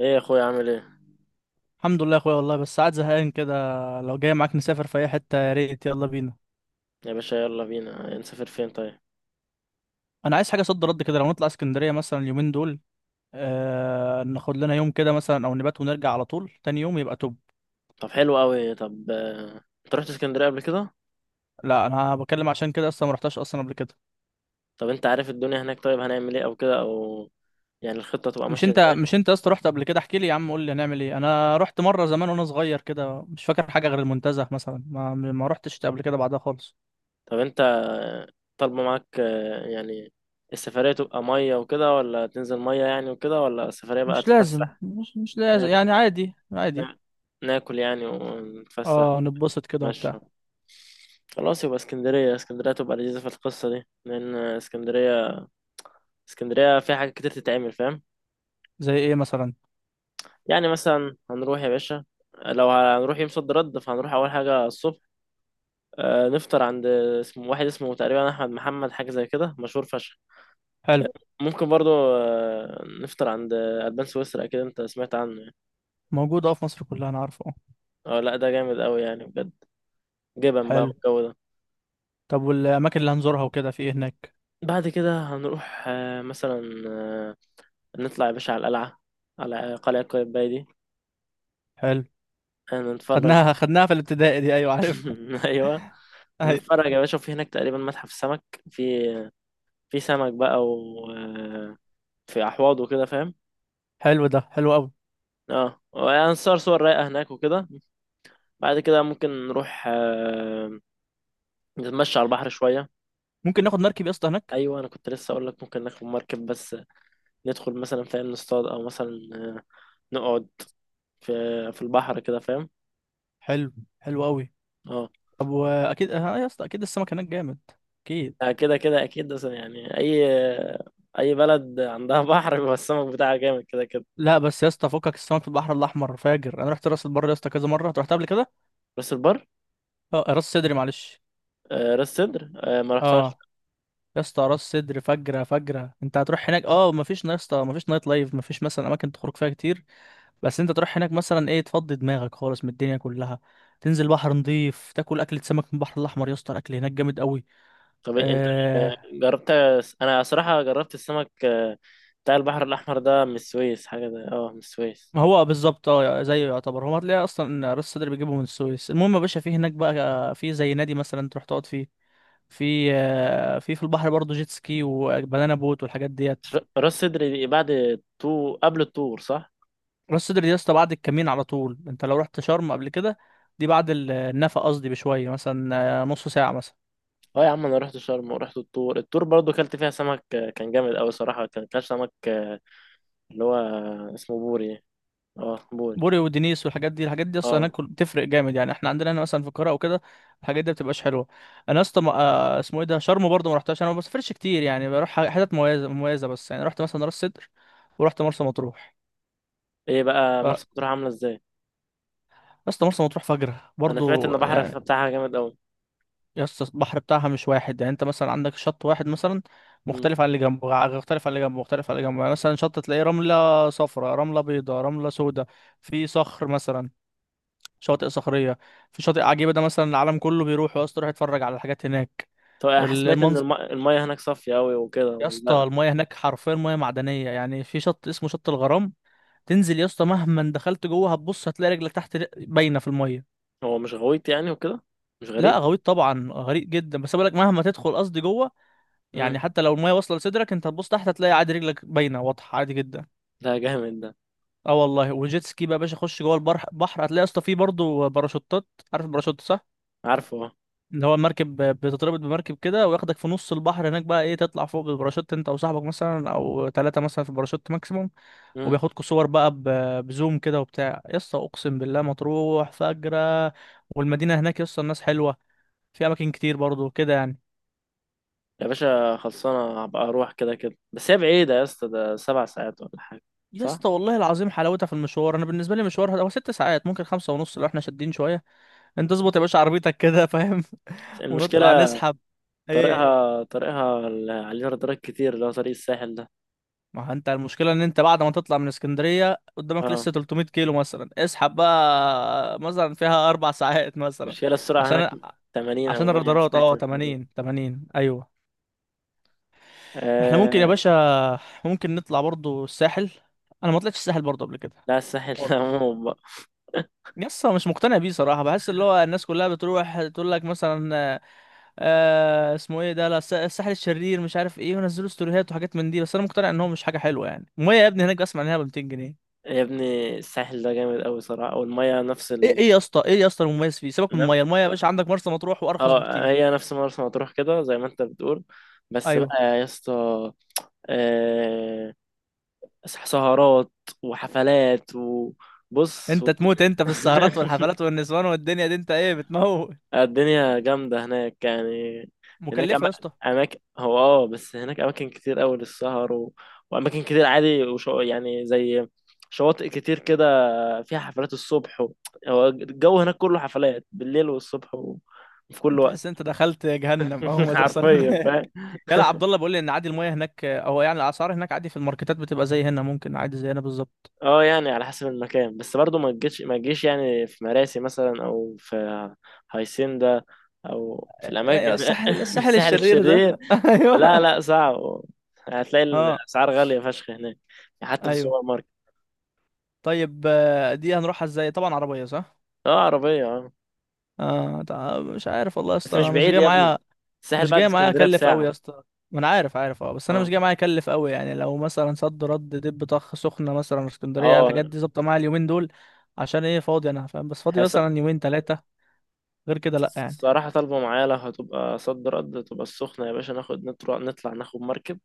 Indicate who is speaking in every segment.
Speaker 1: ايه يا اخويا عامل ايه؟
Speaker 2: الحمد لله يا اخويا والله، بس قاعد زهقان كده. لو جاي معاك نسافر في اي حته يا ريت، يلا بينا.
Speaker 1: يا باشا يلا بينا نسافر فين طيب؟
Speaker 2: انا عايز حاجه صد رد كده، لو نطلع اسكندريه مثلا اليومين دول. آه ناخد لنا يوم كده مثلا او نبات ونرجع على طول تاني يوم يبقى توب.
Speaker 1: طب حلو قوي. طب انت رحت اسكندريه قبل كده؟
Speaker 2: لا انا بكلم عشان كده، اصلا ما رحتش اصلا قبل كده.
Speaker 1: طب انت عارف الدنيا هناك؟ طيب هنعمل ايه او كده او يعني الخطه تبقى
Speaker 2: مش
Speaker 1: ماشيه
Speaker 2: انت
Speaker 1: ازاي؟
Speaker 2: مش انت يا اسطى، رحت قبل كده احكي لي يا عم، قول لي هنعمل ايه. انا رحت مره زمان وانا صغير كده، مش فاكر حاجه غير المنتزه مثلا، ما رحتش قبل كده بعدها خالص.
Speaker 1: طب انت طالبه معاك يعني السفريه تبقى ميه وكده، ولا تنزل ميه يعني وكده، ولا السفريه بقى
Speaker 2: مش لازم
Speaker 1: تتفسح؟
Speaker 2: مش مش لازم
Speaker 1: ناكل.
Speaker 2: يعني، عادي عادي.
Speaker 1: ناكل يعني ونتفسح.
Speaker 2: اه نتبسط كده
Speaker 1: نتمشى.
Speaker 2: وبتاع.
Speaker 1: خلاص يبقى اسكندريه. اسكندريه تبقى لذيذه في القصه دي، لان اسكندريه، اسكندريه فيها حاجات كتير تتعمل، فاهم؟
Speaker 2: زي ايه مثلا؟
Speaker 1: يعني مثلا هنروح يا باشا، لو هنروح يوم صد رد فهنروح اول حاجه الصبح. نفطر عند اسمه واحد اسمه تقريبا احمد محمد، حاجه زي كده، مشهور فشخ.
Speaker 2: حلو.
Speaker 1: ممكن برضو نفطر عند البان سويسرا، اكيد انت سمعت عنه يعني.
Speaker 2: موجود اه في مصر كلها، انا عارفه اه.
Speaker 1: اه لا، ده جامد قوي يعني بجد، جبن بقى
Speaker 2: حلو.
Speaker 1: والجو ده.
Speaker 2: طب والاماكن اللي هنزورها وكده في ايه هناك؟
Speaker 1: بعد كده هنروح مثلا نطلع يا باشا على القلعه، على قلعه قايتباي دي.
Speaker 2: حلو.
Speaker 1: نتفرج.
Speaker 2: خدناها خدناها في الابتدائي دي، ايوه عارفها.
Speaker 1: ايوه.
Speaker 2: ايوه.
Speaker 1: هنتفرج يا باشا. في هناك تقريبا متحف سمك، في في سمك بقى و في احواض وكده، فاهم؟
Speaker 2: حلو، ده حلو قوي.
Speaker 1: اه هنصور صور رايقه هناك وكده. بعد كده ممكن نروح نتمشى على البحر شويه.
Speaker 2: ممكن ناخد مركب يا اسطى هناك؟
Speaker 1: ايوه انا كنت لسه اقول لك، ممكن ناخد مركب، بس ندخل مثلا فاهم، نصطاد او مثلا آه، نقعد في في البحر كده، فاهم؟
Speaker 2: حلو، حلو قوي.
Speaker 1: اه،
Speaker 2: طب واكيد اه يا اسطى، اكيد السمك هناك جامد، اكيد.
Speaker 1: كده كده اكيد، بس يعني اي، اي بلد عندها بحر بيبقى السمك بتاعها جامد كده كده.
Speaker 2: لا بس يا اسطى، فكك، السمك في البحر الاحمر فاجر. انا رحت راس البر يا اسطى كذا مره، أنت رحت قبل كده؟
Speaker 1: راس البر.
Speaker 2: اه راس صدري، معلش.
Speaker 1: راس سدر، ما رحتهاش.
Speaker 2: اه. يا اسطى راس صدري فجره فجره، انت هتروح هناك اه مفيش يا اسطى مفيش نايت لايف، مفيش مثلا اماكن تخرج فيها كتير، بس انت تروح هناك مثلا ايه، تفضي دماغك خالص من الدنيا كلها. تنزل بحر نضيف، تاكل اكلة سمك من البحر الاحمر، يا اسطى الاكل هناك جامد قوي.
Speaker 1: طب انت
Speaker 2: آه.
Speaker 1: جربت؟ انا صراحة جربت السمك بتاع البحر الاحمر ده من السويس، حاجة ده اه من السويس.
Speaker 2: ما هو بالظبط اه زيه يعتبر، هو هتلاقيه اصلا ان راس صدر بيجيبه من السويس. المهم يا باشا في هناك بقى في زي نادي مثلا تروح تقعد فيه، في في البحر برضه جيت سكي وبنانا بوت والحاجات ديت.
Speaker 1: راس صدر دي بعد الطور، قبل الطور، صح؟
Speaker 2: راس صدر دي يا اسطى بعد الكمين على طول، انت لو رحت شرم قبل كده، دي بعد النفق قصدي بشوية مثلا، نص ساعة مثلا.
Speaker 1: اه يا عم انا رحت شرم، ورحت الطور. الطور برضو كلت فيها سمك، كان جامد قوي صراحة، كان كان سمك اللي هو اسمه بوري. اه بوري.
Speaker 2: بوري ودينيس والحاجات دي، الحاجات دي اصلا
Speaker 1: اه
Speaker 2: هناك بتفرق جامد، يعني احنا عندنا هنا مثلا في القاهره او كده الحاجات دي بتبقاش حلوه. انا اصلا اسمه ايه ده، شرم برضه ما رحتهاش، انا ما بسافرش كتير، يعني بروح حتت مميزه بس يعني. رحت مثلا راس سدر، ورحت مرسى مطروح.
Speaker 1: ايه بقى
Speaker 2: ف
Speaker 1: مرسى مطروح عاملة ازاي؟
Speaker 2: اصلا مرسى مطروح فجره
Speaker 1: انا سمعت ان
Speaker 2: برضه
Speaker 1: البحر
Speaker 2: يعني.
Speaker 1: بتاعها جامد قوي.
Speaker 2: يا اسطى البحر بتاعها مش واحد، يعني انت مثلا عندك شط واحد مثلا
Speaker 1: مم.
Speaker 2: مختلف عن اللي جنبه، مختلف عن اللي جنبه مختلف عن اللي جنبه. يعني مثلا شط تلاقيه رمله صفراء، رمله بيضاء، رمله سوداء. في صخر مثلا، شواطئ صخريه. في شاطئ عجيبه ده مثلا العالم كله بيروح يا اسطى، يروح يتفرج على الحاجات هناك.
Speaker 1: طب انا سمعت ان
Speaker 2: المنظر.
Speaker 1: المية هناك صافية قوي
Speaker 2: يا
Speaker 1: وكده،
Speaker 2: اسطى
Speaker 1: لا؟
Speaker 2: المايه هناك حرفيا مياه معدنيه، يعني في شط اسمه شط الغرام. تنزل يا اسطى مهما دخلت جوه هتبص هتلاقي رجلك تحت باينه في المايه.
Speaker 1: هو مش غويط يعني وكده؟ مش
Speaker 2: لا
Speaker 1: غريق؟
Speaker 2: غويط طبعا، غريق جدا، بس بقولك مهما تدخل قصدي جوه، يعني
Speaker 1: مم.
Speaker 2: حتى لو المايه واصله لصدرك انت هتبص تحت هتلاقي عادي رجلك باينه واضحه عادي جدا.
Speaker 1: ده جامد ده.
Speaker 2: اه والله. وجيت سكي بقى يا باشا، خش جوه البحر بحر هتلاقي يا اسطى فيه برضه باراشوتات. عارف الباراشوت صح؟
Speaker 1: عارفه اه.
Speaker 2: اللي هو المركب بتتربط بمركب كده وياخدك في نص البحر هناك بقى ايه، تطلع فوق بالباراشوت انت وصاحبك مثلا او ثلاثة مثلا في الباراشوت ماكسيموم.
Speaker 1: مم.
Speaker 2: وبياخدكوا صور بقى بزوم كده وبتاع، يا اسطى اقسم بالله مطروح فجرة. والمدينة هناك يا اسطى الناس حلوة، في اماكن كتير برضو كده يعني.
Speaker 1: يا باشا خلصانة، هبقى أروح كده كده. بس هي بعيدة يا اسطى، ده سبع ساعات ولا حاجة؟
Speaker 2: يا
Speaker 1: صح؟
Speaker 2: اسطى والله العظيم حلاوتها في المشوار، انا بالنسبة لي مشوار هو ست ساعات، ممكن خمسة ونص لو احنا شادين شوية. انت اظبط يا باشا عربيتك كده فاهم.
Speaker 1: بس المشكلة
Speaker 2: ونطلع نسحب. ايه.
Speaker 1: طريقها، طريقها اللي عليه رادارات كتير، اللي هو طريق الساحل ده.
Speaker 2: ما هو انت المشكلة ان انت بعد ما تطلع من اسكندرية قدامك
Speaker 1: اه
Speaker 2: لسه 300 كيلو مثلا، اسحب بقى مثلا فيها اربع ساعات مثلا.
Speaker 1: المشكلة السرعة هناك
Speaker 2: عشان
Speaker 1: 80 أو
Speaker 2: عشان
Speaker 1: 100،
Speaker 2: الرادارات
Speaker 1: سمعت
Speaker 2: اه،
Speaker 1: الحوار ده؟
Speaker 2: 80 80، ايوه. احنا ممكن يا
Speaker 1: آه
Speaker 2: باشا ممكن نطلع برضو الساحل، انا ما طلعتش الساحل برضو قبل كده
Speaker 1: لا الساحل ده
Speaker 2: خالص.
Speaker 1: عموما بقى.
Speaker 2: يسا مش مقتنع بيه صراحة، بحس اللي هو الناس كلها بتروح تقول لك مثلا آه، اسمه ايه ده، لا الساحل الشرير مش عارف ايه، ونزلوا ستوريهات وحاجات من دي، بس انا مقتنع ان هو مش حاجة حلوة. يعني المية يا ابني هناك بسمع انها ب 200 جنيه.
Speaker 1: يا ابني الساحل ده جامد أوي صراحة، والمية نفس
Speaker 2: ايه، ايه يا اسطى، ايه يا اسطى المميز فيه؟ سيبك من
Speaker 1: نف-
Speaker 2: الميه، الميه يا باشا عندك مرسى مطروح وارخص
Speaker 1: اه
Speaker 2: بكتير.
Speaker 1: هي نفس مرسى مطروح كده زي ما انت بتقول. بس
Speaker 2: ايوه.
Speaker 1: بقى يا اسطى آه، سهرات وحفلات وبص و...
Speaker 2: انت تموت انت في السهرات والحفلات والنسوان والدنيا دي، انت ايه بتموت.
Speaker 1: الدنيا جامدة هناك يعني. هناك
Speaker 2: مكلفه
Speaker 1: أما...
Speaker 2: يا اسطى.
Speaker 1: أماكن، هو اه بس هناك أماكن كتير أوي للسهر و... وأماكن كتير عادي وشو... يعني زي شواطئ كتير كده فيها حفلات الصبح و... هو الجو هناك كله حفلات بالليل والصبح وفي كل
Speaker 2: انت
Speaker 1: وقت.
Speaker 2: تحس انت دخلت جهنم اول ما توصل
Speaker 1: حرفيا،
Speaker 2: هناك.
Speaker 1: فاهم.
Speaker 2: يلا، عبد الله بيقول لي ان عادي الميه هناك، او يعني الاسعار هناك عادي، في الماركتات بتبقى زي هنا، ممكن عادي زي هنا بالظبط.
Speaker 1: اه يعني على حسب المكان، بس برضو ما تجيش يعني في مراسي مثلا، او في هايسيندا، او في
Speaker 2: آه،
Speaker 1: الاماكن
Speaker 2: ايوه،
Speaker 1: في،
Speaker 2: الساحل
Speaker 1: في
Speaker 2: الساحل
Speaker 1: الساحل
Speaker 2: الشرير ده،
Speaker 1: الشرير. لا
Speaker 2: ايوه.
Speaker 1: لا صعب. هتلاقي
Speaker 2: اه.
Speaker 1: الاسعار غاليه فشخ هناك، يعني حتى في
Speaker 2: ايوه.
Speaker 1: السوبر ماركت.
Speaker 2: طيب آه، دي هنروحها ازاي؟ طبعا عربيه صح.
Speaker 1: اه عربيه اه.
Speaker 2: اه، مش عارف والله يا
Speaker 1: بس
Speaker 2: اسطى
Speaker 1: مش
Speaker 2: انا مش
Speaker 1: بعيد
Speaker 2: جاي
Speaker 1: يا ابني،
Speaker 2: معايا.
Speaker 1: الساحل
Speaker 2: مش
Speaker 1: بعد
Speaker 2: جاي معايا
Speaker 1: اسكندريه
Speaker 2: اكلف قوي يا
Speaker 1: بساعه.
Speaker 2: اسطى. ما انا عارف، عارف اه، بس انا مش
Speaker 1: اه
Speaker 2: جاي معايا اكلف قوي. يعني لو مثلا صد رد دب طخ، سخنه مثلا، اسكندريه، الحاجات
Speaker 1: اه
Speaker 2: دي ظابطه معايا اليومين دول. عشان ايه، فاضي انا فاهم، بس فاضي
Speaker 1: هي
Speaker 2: مثلا يومين ثلاثه، غير كده لا يعني.
Speaker 1: صراحه طالبه معايا لو هتبقى صد رد تبقى السخنه، يا باشا ناخد نطلع ناخد مركب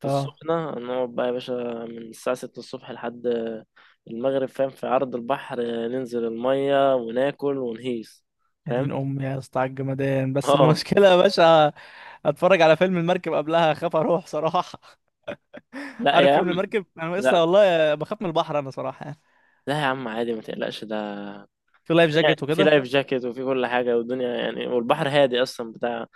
Speaker 1: في
Speaker 2: اه.
Speaker 1: السخنة. نقعد بقى يا باشا من الساعة ستة الصبح لحد المغرب، فاهم، في عرض البحر، ننزل المية وناكل ونهيس،
Speaker 2: يا دين
Speaker 1: فاهم.
Speaker 2: امي يا اسطى على الجمدان، بس
Speaker 1: اه.
Speaker 2: المشكله يا باشا اتفرج على فيلم المركب قبلها اخاف اروح صراحه.
Speaker 1: لا
Speaker 2: عارف
Speaker 1: يا
Speaker 2: فيلم
Speaker 1: عم.
Speaker 2: المركب؟ انا لسه
Speaker 1: لا
Speaker 2: والله بخاف من البحر انا صراحه يعني.
Speaker 1: لا يا عم عادي ما تقلقش ده.
Speaker 2: في لايف
Speaker 1: يعني
Speaker 2: جاكيت
Speaker 1: في
Speaker 2: وكده؟
Speaker 1: لايف جاكيت وفي كل حاجة والدنيا، يعني والبحر هادي أصلا بتاع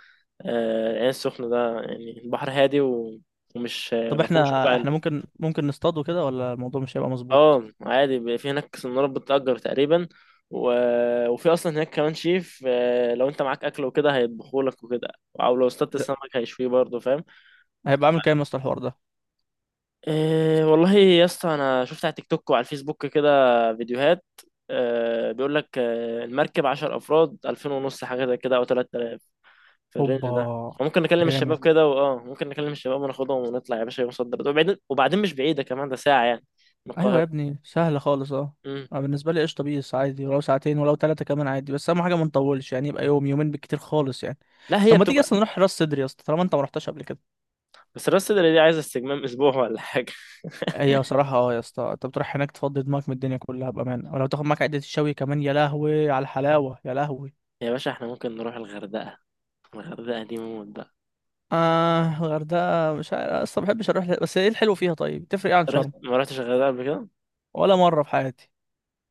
Speaker 1: العين السخنة ده، يعني البحر هادي و- ومش
Speaker 2: طب
Speaker 1: ما فيهوش
Speaker 2: احنا
Speaker 1: وجع.
Speaker 2: احنا ممكن نصطاد وكده ولا الموضوع مش هيبقى مظبوط؟
Speaker 1: اه عادي، بيبقى في هناك سنارات بتأجر تقريبا و... وفي اصلا هناك كمان شيف، لو انت معاك اكل وكده هيطبخولك وكده، او لو اصطدت
Speaker 2: لا.
Speaker 1: السمك هيشويه برضه، فاهم.
Speaker 2: هيبقى عامل كام يا اسطى الحوار ده؟
Speaker 1: إيه والله يا اسطى، انا شفت على تيك توك وعلى الفيسبوك كده فيديوهات، بيقول لك آه المركب 10 افراد 2000 ونص، حاجه زي كده او 3000، في الرينج
Speaker 2: اوبا.
Speaker 1: ده. فممكن نكلم
Speaker 2: جامد.
Speaker 1: الشباب كده، واه ممكن نكلم الشباب وناخدهم ونطلع يا باشا يوم صد رد، وبعدين وبعدين مش بعيده، كمان ده ساعه يعني من
Speaker 2: ايوه يا
Speaker 1: القاهره.
Speaker 2: ابني سهله خالص اه.
Speaker 1: امم.
Speaker 2: أنا بالنسبه لي قشطه بيس، عادي ولو ساعتين ولو ثلاثه كمان عادي، بس اهم حاجه ما نطولش، يعني يبقى يوم يومين بالكتير خالص يعني.
Speaker 1: لا
Speaker 2: طب
Speaker 1: هي
Speaker 2: ما تيجي
Speaker 1: بتبقى،
Speaker 2: اصلا نروح راس صدري يا اسطى طالما انت ما رحتش قبل كده.
Speaker 1: بس راس صدر دي عايزة استجمام أسبوع ولا حاجة.
Speaker 2: هي صراحه اه يا اسطى، انت بتروح هناك تفضي دماغك من الدنيا كلها بامانه، ولو تاخد معاك عده الشوي كمان، يا لهوي على الحلاوه، يا لهوي.
Speaker 1: يا باشا احنا ممكن نروح الغردقة، الغردقة دي موت بقى.
Speaker 2: اه الغردقه مش عارف، اصلا ما بحبش اروح بس ايه الحلو فيها طيب؟ تفرق ايه عن
Speaker 1: رحت؟
Speaker 2: شرم؟
Speaker 1: ما رحتش الغردقة قبل كده؟
Speaker 2: ولا مره في حياتي.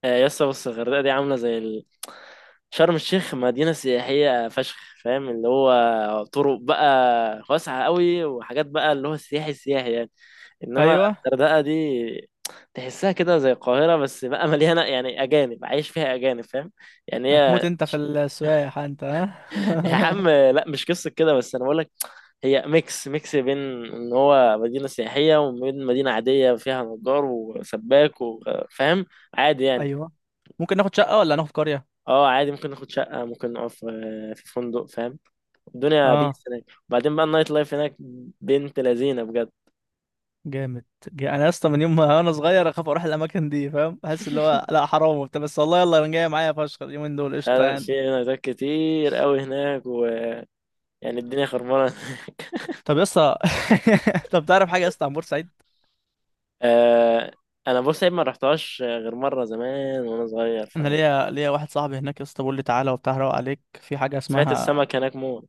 Speaker 1: يسا بص الغردقة دي عاملة زي ال... شرم الشيخ مدينة سياحية فشخ، فاهم، اللي هو طرق بقى واسعة قوي، وحاجات بقى اللي هو سياحي سياحي يعني. إنما
Speaker 2: ايوه.
Speaker 1: الغردقة دي تحسها كده زي القاهرة، بس بقى مليانة يعني أجانب، عايش فيها أجانب، فاهم. يعني هي
Speaker 2: هتموت انت في السواح انت،
Speaker 1: يا
Speaker 2: ها.
Speaker 1: عم لا مش قصة كده، بس أنا بقول هي ميكس، ميكس بين ان هو مدينة سياحية وبين مدينة عادية فيها نجار وسباك وفاهم عادي يعني.
Speaker 2: ايوه. ممكن ناخد شقه ولا هناخد قريه؟
Speaker 1: اه عادي، ممكن ناخد شقة، ممكن نقف في في فندق، فاهم. الدنيا
Speaker 2: اه.
Speaker 1: بيس هناك، وبعدين بقى النايت لايف هناك بنت لذينة بجد.
Speaker 2: جامد. انا يا اسطى من يوم ما انا صغير اخاف اروح الاماكن دي فاهم، احس اللي هو لا حرام وبتاع، بس والله يلا، انا جايه معايا فشخ اليومين دول قشطه
Speaker 1: لا،
Speaker 2: يعني.
Speaker 1: في نايتات كتير قوي هناك، ويعني الدنيا خربانة هناك.
Speaker 2: طب يا اسطى طب تعرف حاجه يا اسطى عن بورسعيد؟
Speaker 1: آه، انا بص عيب ما رحتهاش غير مرة زمان وانا صغير،
Speaker 2: انا
Speaker 1: فاهم.
Speaker 2: ليا واحد صاحبي هناك يا اسطى بيقول لي تعالى وبتاع روق عليك، في حاجه
Speaker 1: سمعت
Speaker 2: اسمها،
Speaker 1: السمك هناك موت.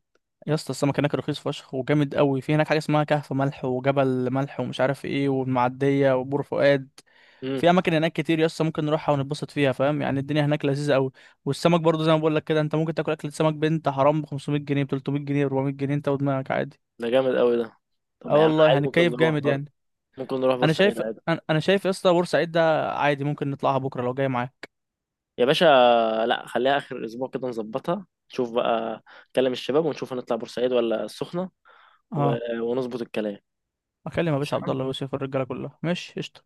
Speaker 2: يا اسطى السمك هناك رخيص فشخ وجامد قوي. في هناك حاجه اسمها كهف ملح وجبل ملح ومش عارف ايه، والمعديه وبور فؤاد.
Speaker 1: امم.
Speaker 2: في اماكن هناك كتير يا اسطى ممكن نروحها ونتبسط فيها فاهم، يعني الدنيا هناك لذيذه قوي. والسمك برضو زي ما بقول لك كده، انت ممكن تاكل اكل سمك بنت حرام ب 500 جنيه، ب 300 جنيه، ب 400 جنيه، انت ودماغك عادي.
Speaker 1: ده جامد قوي ده. طب يا
Speaker 2: اه
Speaker 1: عم
Speaker 2: والله
Speaker 1: عادي ممكن
Speaker 2: هنتكيف
Speaker 1: نروح
Speaker 2: جامد
Speaker 1: برضه،
Speaker 2: يعني.
Speaker 1: ممكن نروح
Speaker 2: انا
Speaker 1: بورسعيد
Speaker 2: شايف،
Speaker 1: عادي.
Speaker 2: انا شايف يا اسطى بورسعيد ده عادي ممكن نطلعها بكره لو جاي معايا.
Speaker 1: يا باشا لا خليها اخر الاسبوع كده، نظبطها نشوف بقى، نكلم الشباب ونشوف هنطلع بورسعيد ولا السخنه، و...
Speaker 2: اه.
Speaker 1: ونظبط الكلام.
Speaker 2: اكلم يا باشا عبد
Speaker 1: خلصانه.
Speaker 2: الله ويوسف، الرجاله كلها ماشي قشطه.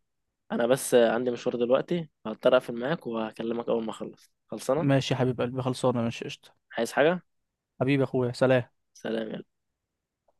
Speaker 1: انا بس عندي مشوار دلوقتي، هضطر اقفل معاك، وهكلمك اول ما اخلص. خلصانه.
Speaker 2: ماشي يا حبيب قلبي، خلصانه، ماشي قشطه.
Speaker 1: عايز حاجه؟
Speaker 2: حبيبي يا اخويا، سلام.
Speaker 1: سلام يا